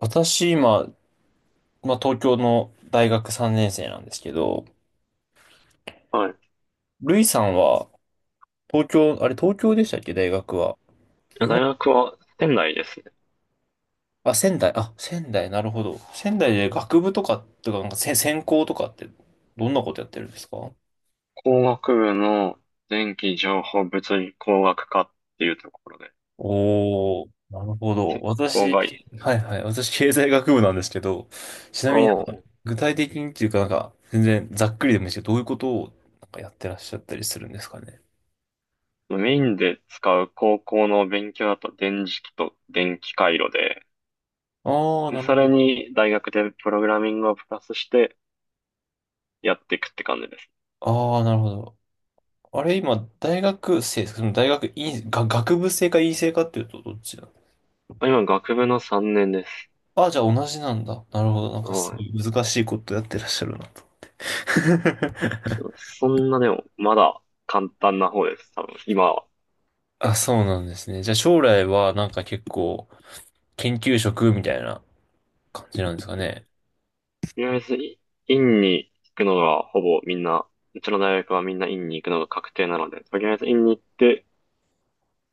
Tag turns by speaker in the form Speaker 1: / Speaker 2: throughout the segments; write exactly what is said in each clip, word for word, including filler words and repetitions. Speaker 1: 私、今、まあ、東京の大学さんねん生なんですけど、
Speaker 2: はい。
Speaker 1: ルイさんは、東京、あれ、東京でしたっけ、大学は。日
Speaker 2: 大
Speaker 1: 本、
Speaker 2: 学は仙台ですね。
Speaker 1: あ、仙台、あ、仙台、なるほど。仙台で学部とか、とか、なんか、せ専攻とかって、どんなことやってるんですか？
Speaker 2: 工学部の電気情報物理工学科っていうところで、
Speaker 1: おー、なるほど。
Speaker 2: 鉄工
Speaker 1: 私、
Speaker 2: 外
Speaker 1: はいはい、私、経済学部なんですけど、ちなみに、
Speaker 2: を
Speaker 1: 具体的にっていうか、なんか、全然ざっくりでもいいですけど、どういうことを、なんかやってらっしゃったりするんですかね。
Speaker 2: メインで使う高校の勉強だと電磁気と電気回路で、
Speaker 1: ああ、
Speaker 2: で、
Speaker 1: なる
Speaker 2: そ
Speaker 1: ほ
Speaker 2: れ
Speaker 1: ど。
Speaker 2: に大学でプログラミングをプラスしてやっていくって感じです。
Speaker 1: ああ、なるほど。あれ、今、大学生、その大学院、が、学部生か院生かっていうとどっちなの？
Speaker 2: 今、学部のさんねんです。
Speaker 1: あ、じゃあ同じなんだ。なるほど。なんかす
Speaker 2: は
Speaker 1: ご
Speaker 2: い。
Speaker 1: い難しいことやってらっしゃるな。
Speaker 2: そんなでも、まだ簡単な方です。多分、今は。
Speaker 1: あ、そうなんですね。じゃあ将来はなんか結構研究職みたいな感じなんですかね。
Speaker 2: とりあえず、い院に行くのがほぼみんな、うちの大学はみんな院に行くのが確定なので、とりあえず院に行って、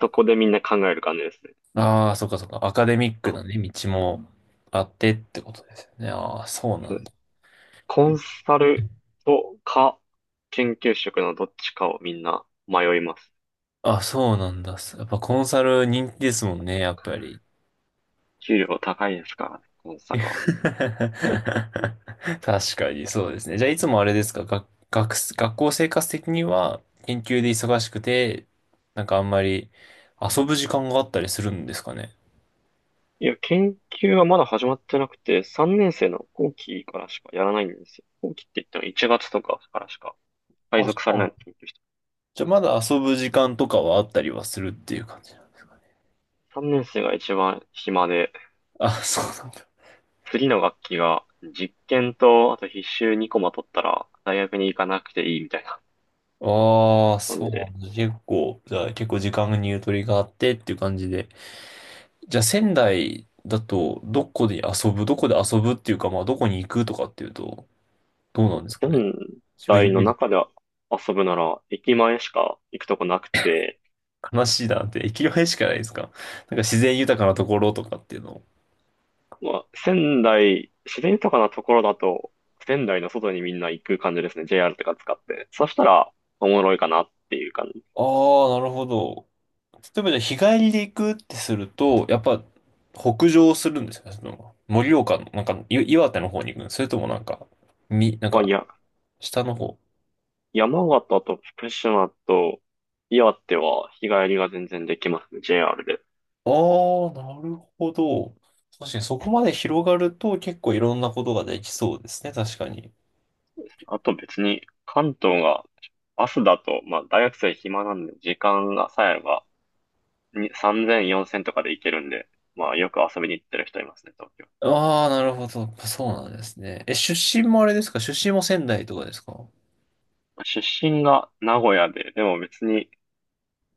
Speaker 2: そこでみんな考える感じですね。
Speaker 1: ああ、そっかそっか。アカデミックな
Speaker 2: こ、
Speaker 1: ね、道もあってってことですよね。ああ、そうな
Speaker 2: そう
Speaker 1: ん
Speaker 2: です。
Speaker 1: だ。
Speaker 2: コンサルとか、研究職のどっちかをみんな迷います。
Speaker 1: あ、そうなんだ。やっぱコンサル人気ですもんね、やっぱり。
Speaker 2: 給料高いですからね、コンサル は。
Speaker 1: 確かにそうですね。じゃあいつもあれですか、学、学、学校生活的には研究で忙しくて、なんかあんまり遊ぶ時間があったりするんですかね。
Speaker 2: いや、研究はまだ始まってなくて、さんねん生の後期からしかやらないんですよ。後期って言ってもいちがつとかからしか配
Speaker 1: あ、そ
Speaker 2: 属されない
Speaker 1: う。
Speaker 2: 研究室。
Speaker 1: じゃあまだ遊ぶ時間とかはあったりはするっていう感じなんですかね。
Speaker 2: さんねん生が一番暇で、
Speaker 1: あ、そうなんだ。
Speaker 2: 次の学期が実験と、あと必修にコマ取ったら大学に行かなくていいみたいな
Speaker 1: ああ、
Speaker 2: 感
Speaker 1: そう
Speaker 2: じ
Speaker 1: な
Speaker 2: で、
Speaker 1: んだ。結構、じゃあ結構時間にゆとりがあってっていう感じで。じゃあ仙台だと、どこで遊ぶ、どこで遊ぶっていうか、まあどこに行くとかっていうと、どうなんですかね。
Speaker 2: 仙
Speaker 1: 自分イ
Speaker 2: 台
Speaker 1: メ
Speaker 2: の
Speaker 1: ージ
Speaker 2: 中で遊ぶなら駅前しか行くとこなくて、
Speaker 1: 悲しいなって、駅前しかないですか？なんか自然豊かなところとかっていうの。
Speaker 2: まあ、仙台、自然豊かなところだと、仙台の外にみんな行く感じですね。ジェイアール とか使って。そしたら、おもろいかなっていう感じ。
Speaker 1: ああ、なるほど。例えばじゃあ日帰りで行くってすると、やっぱ北上するんですか？その、盛岡の、なんかい岩手の方に行くの？それともなんか、み、なん
Speaker 2: まあ、い
Speaker 1: か
Speaker 2: や、
Speaker 1: 下の方。
Speaker 2: 山形と福島と岩手は日帰りが全然できますね。ジェイアール で。
Speaker 1: ああ、なるほど。確かにそこまで広がると結構いろんなことができそうですね、確かに。
Speaker 2: あと別に関東が朝だと、まあ大学生暇なんで時間がさえあればにさんぜん、よんせんとかで行けるんで、まあよく遊びに行ってる人いますね、東京。
Speaker 1: ああ、なるほど。そうなんですね。え、出身もあれですか？出身も仙台とかですか？
Speaker 2: 出身が名古屋で、でも別に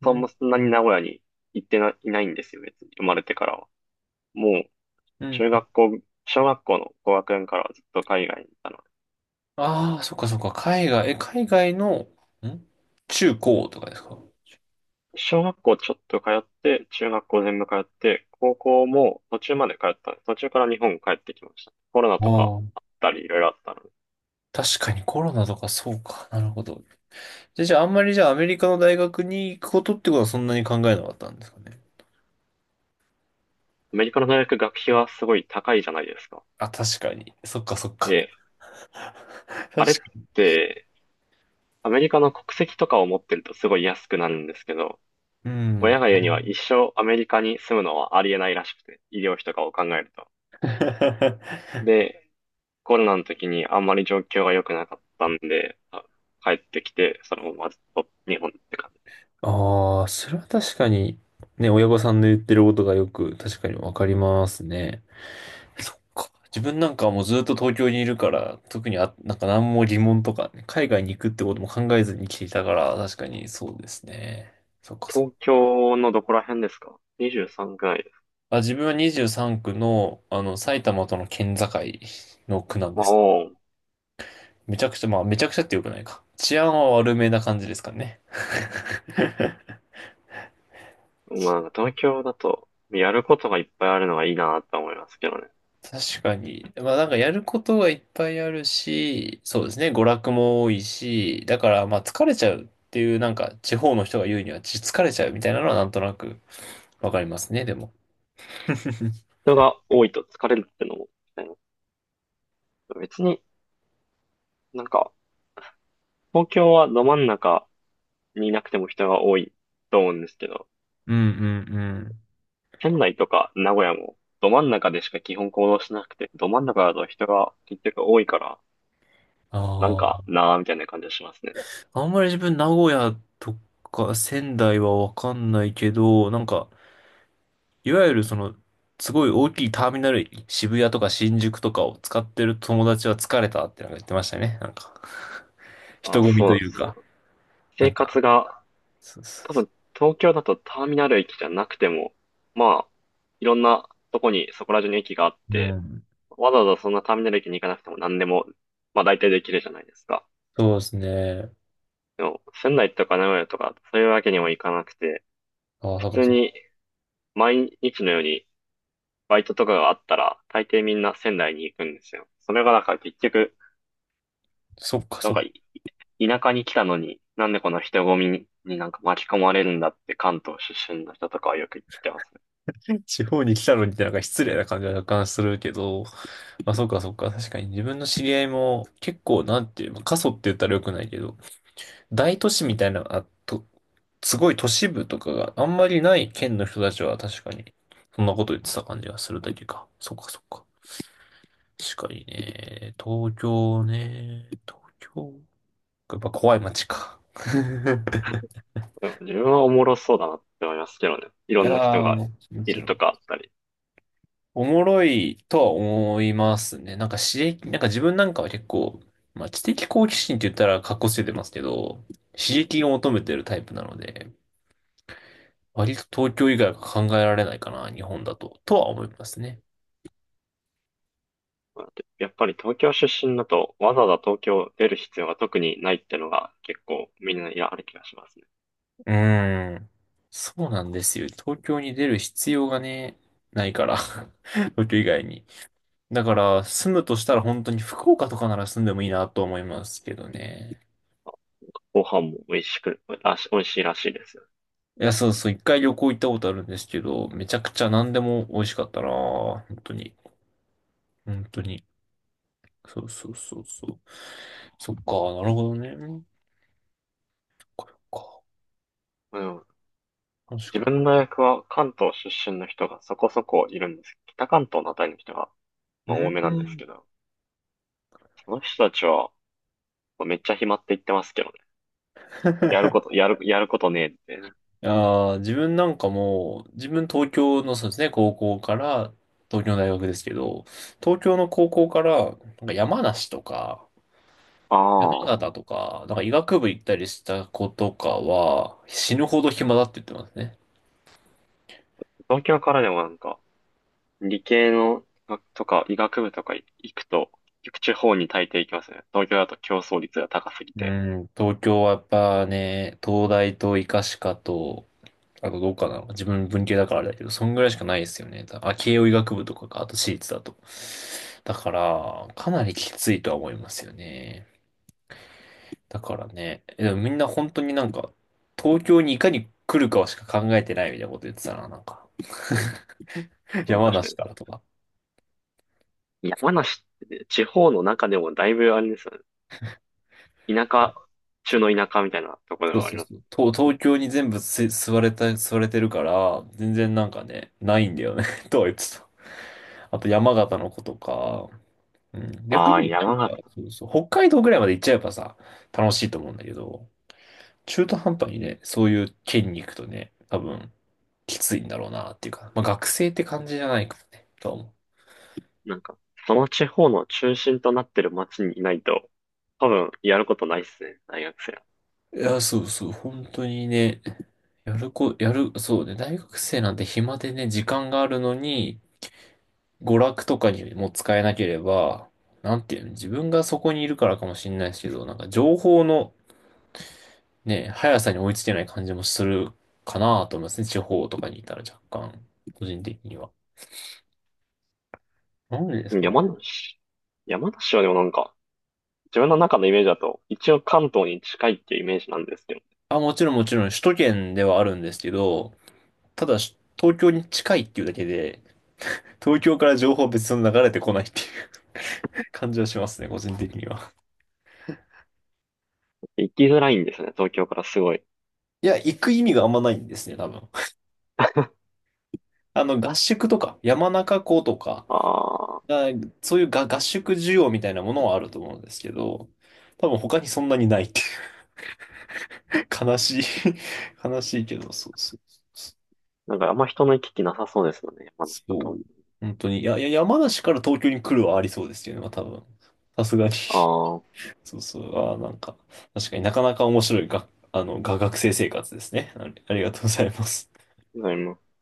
Speaker 1: う
Speaker 2: そん
Speaker 1: ん
Speaker 2: なに名古屋に行ってな、いないんですよ、別に生まれてからは。もう
Speaker 1: うん
Speaker 2: 中
Speaker 1: う、
Speaker 2: 学校、小学校の高学年からはずっと海外にいたの。
Speaker 1: ああ、そっかそっか。海外、え、海外の、ん、中高とかですか？
Speaker 2: 小学校ちょっと通って、中学校全部通って、高校も途中まで通ったんです。途中から日本帰ってきました。コロナ
Speaker 1: あ
Speaker 2: とかあっ
Speaker 1: あ。
Speaker 2: たり、いろいろあったので。
Speaker 1: 確かにコロナとかそうか。なるほど。じゃあ、じゃああんまりじゃあアメリカの大学に行くことってことはそんなに考えなかったんですかね。
Speaker 2: アメリカの大学学費はすごい高いじゃないですか。
Speaker 1: あ、確かに。そっかそっか。
Speaker 2: で、
Speaker 1: 確か
Speaker 2: あれっ
Speaker 1: に。
Speaker 2: て、アメリカの国籍とかを持ってるとすごい安くなるんですけど、
Speaker 1: う
Speaker 2: 親
Speaker 1: ん。
Speaker 2: が言うには一生アメリカに住むのはありえないらしくて、医療費とかを考えると。で、コロナの時にあんまり状況が良くなかったんで、あ帰ってきて、そのままずっと日本って感じ。
Speaker 1: あ、 あー、それは確かに、ね、親御さんの言ってることがよく確かにわかりますね。そっか。自分なんかはもうずっと東京にいるから、特にあ、なんか何も疑問とかね、海外に行くってことも考えずに来ていたから、確かにそうですね。そっかそっか。
Speaker 2: 東京のどこら辺ですか？ にじゅうさん くらいです。
Speaker 1: あ、自分はにじゅうさん区の、あの、埼玉との県境の区なんで
Speaker 2: まあ、
Speaker 1: す。
Speaker 2: おう
Speaker 1: めちゃくちゃ、まあ、めちゃくちゃってよくないか。治安は悪めな感じですかね。
Speaker 2: まあ、なんか東京だと、やることがいっぱいあるのがいいなと思いますけどね。
Speaker 1: 確かに。まあなんかやることはいっぱいあるし、そうですね、娯楽も多いし、だからまあ疲れちゃうっていうなんか地方の人が言うにはち疲れちゃうみたいなのはなんとなくわかりますね、でも。
Speaker 2: 人が多いと疲れるってのも、ね、別になんか、東京はど真ん中にいなくても人が多いと思うんですけど、
Speaker 1: うんうんうん。
Speaker 2: 仙台とか名古屋もど真ん中でしか基本行動しなくて、ど真ん中だと人が結局多いから、なん
Speaker 1: あ
Speaker 2: かなーみたいな感じがしますね。
Speaker 1: あ、あんまり自分名古屋とか仙台はわかんないけど、なんか、いわゆるその、すごい大きいターミナル、渋谷とか新宿とかを使ってる友達は疲れたってなんか言ってましたね。なんか、人
Speaker 2: あ、
Speaker 1: 混み
Speaker 2: そう
Speaker 1: と
Speaker 2: なんで
Speaker 1: いう
Speaker 2: す。
Speaker 1: か、な
Speaker 2: 生
Speaker 1: んか、
Speaker 2: 活が
Speaker 1: そうそう
Speaker 2: 多
Speaker 1: そう、
Speaker 2: 分、東京だとターミナル駅じゃなくても、まあ、いろんなとこに、そこら中に駅があっ
Speaker 1: う
Speaker 2: て、
Speaker 1: ん。
Speaker 2: わざわざそんなターミナル駅に行かなくても何でも、まあ大体できるじゃないですか。
Speaker 1: そうですね。
Speaker 2: でも、仙台とか名古屋とか、そういうわけにもいかなくて、
Speaker 1: ああ、
Speaker 2: 普
Speaker 1: なんか
Speaker 2: 通
Speaker 1: そ、
Speaker 2: に毎日のようにバイトとかがあったら、大抵みんな仙台に行くんですよ。それがなんか結局、
Speaker 1: そっか
Speaker 2: なん
Speaker 1: そっ
Speaker 2: か
Speaker 1: か。
Speaker 2: 田舎に来たのに、なんでこの人混みになんか巻き込まれるんだって関東出身の人とかはよく言ってますね。
Speaker 1: 地方に来たのにってなんか失礼な感じは若干するけど、まあそっかそっか。確かに自分の知り合いも結構なんていう、まあ過疎って言ったら良くないけど、大都市みたいな、あと、すごい都市部とかがあんまりない県の人たちは確かに、そんなこと言ってた感じがするだけか。そっかそっか。確かにね。東京ね。東京。やっぱ怖い街か。
Speaker 2: でも自分はおもろそうだなって思いますけどね。い
Speaker 1: い
Speaker 2: ろ
Speaker 1: や
Speaker 2: んな人
Speaker 1: ー、
Speaker 2: が
Speaker 1: も
Speaker 2: い
Speaker 1: ち
Speaker 2: る
Speaker 1: ろ
Speaker 2: と
Speaker 1: ん。
Speaker 2: かあったり。
Speaker 1: おもろいとは思いますね。なんか刺激、なんか自分なんかは結構、まあ知的好奇心って言ったら格好つけてますけど、刺激を求めてるタイプなので、割と東京以外は考えられないかな、日本だと、とは思いますね。
Speaker 2: やっぱり東京出身だとわざわざ東京出る必要が特にないってのが結構みんなやある気がしますね。
Speaker 1: うーん。そうなんですよ。東京に出る必要がね、ないから。東京以外に。だから、住むとしたら本当に福岡とかなら住んでもいいなと思いますけどね。
Speaker 2: ご飯も美味しく、らし、美味しいらしいですよ。
Speaker 1: いや、そうそう、一回旅行行ったことあるんですけど、めちゃくちゃ何でも美味しかったなぁ。本当に。本当に。そうそうそうそう。そっか、なるほどね。これか。
Speaker 2: でも
Speaker 1: 確
Speaker 2: 自
Speaker 1: かに。
Speaker 2: 分の大学は関東出身の人がそこそこいるんです。北関東のあたりの人が、
Speaker 1: う
Speaker 2: まあ、多めなんです
Speaker 1: ん。
Speaker 2: けど、その人たちは、まあめっちゃ暇って言ってますけどね。やること、やる、やることねえって。
Speaker 1: いやー自分なんかもう、自分東京のそうですね、高校から、東京の大学ですけど、東京の高校から、なんか山梨とか、
Speaker 2: あ
Speaker 1: 山
Speaker 2: あ、
Speaker 1: 形とか、なんか医学部行ったりした子とかは、死ぬほど暇だって言ってますね。
Speaker 2: 東京からでもなんか、理系の学とか医学部とか行くと、結局地方に大抵行きますね。東京だと競争率が高すぎ
Speaker 1: う
Speaker 2: て。
Speaker 1: ん、東京はやっぱね、東大と医科歯科と、あとどうかな、自分文系だからあれだけど、そんぐらいしかないですよね。あ、慶応医学部とかか、あと私立だと。だから、かなりきついとは思いますよね。だからね、でもみんな本当になんか、東京にいかに来るかしか考えてないみたいなこと言ってたな、なんか。
Speaker 2: うん、
Speaker 1: 山
Speaker 2: 確
Speaker 1: 梨か
Speaker 2: か
Speaker 1: らとか。
Speaker 2: に。山梨ってね、地方の中でもだいぶあれですよね。田舎、
Speaker 1: そ
Speaker 2: 中
Speaker 1: う
Speaker 2: の田舎みたいなところで
Speaker 1: そう
Speaker 2: はあ
Speaker 1: そ
Speaker 2: り
Speaker 1: う
Speaker 2: ます。
Speaker 1: そう。東、東京に全部す吸われた、吸われてるから、全然なんかね、ないんだよね。 とは言ってた。あと山形の子とか、うん、逆
Speaker 2: ああ、
Speaker 1: にな
Speaker 2: 山
Speaker 1: んか、
Speaker 2: 形。
Speaker 1: そうそう、北海道ぐらいまで行っちゃえばさ、楽しいと思うんだけど、中途半端にね、そういう県に行くとね、多分、きついんだろうなっていうか、まあ学生って感じじゃないからね、とは思
Speaker 2: なんか、その地方の中心となってる町にいないと、多分やることないっすね、大学生は。
Speaker 1: う。いや、そうそう、本当にね、やるこ、やる、そうね、大学生なんて暇でね、時間があるのに、娯楽とかにも使えなければ、なんていうの、自分がそこにいるからかもしれないですけど、なんか情報のね、速さに追いつけない感じもするかなと思いますね。地方とかにいたら若干、個人的には。なんでですか
Speaker 2: 山
Speaker 1: ね。
Speaker 2: 梨。山梨はでもなんか、自分の中のイメージだと、一応関東に近いっていうイメージなんですけど、
Speaker 1: あ、もちろんもちろん首都圏ではあるんですけど、ただし東京に近いっていうだけで、東京から情報は別に流れてこないっていう 感じはしますね、個人的には。
Speaker 2: 行きづらいんですよね、東京からすごい。
Speaker 1: いや、行く意味があんまないんですね、多分。あの、合宿とか、山中湖とか、
Speaker 2: ああ、
Speaker 1: が、そういうが合宿需要みたいなものはあると思うんですけど、多分他にそんなにないっていう、悲しい 悲しいけど、そうそうそう。
Speaker 2: なんかあんま人の行き来なさそうですよね、山の
Speaker 1: そ
Speaker 2: 里。
Speaker 1: う。本当に。いや、いや、山梨から東京に来るはありそうですよね、まあ、多分。さすがに。
Speaker 2: ああ、
Speaker 1: そうそう。ああ、なんか、確かになかなか面白いが、あの、が学生生活ですね。ありありがとうございます。
Speaker 2: ございます。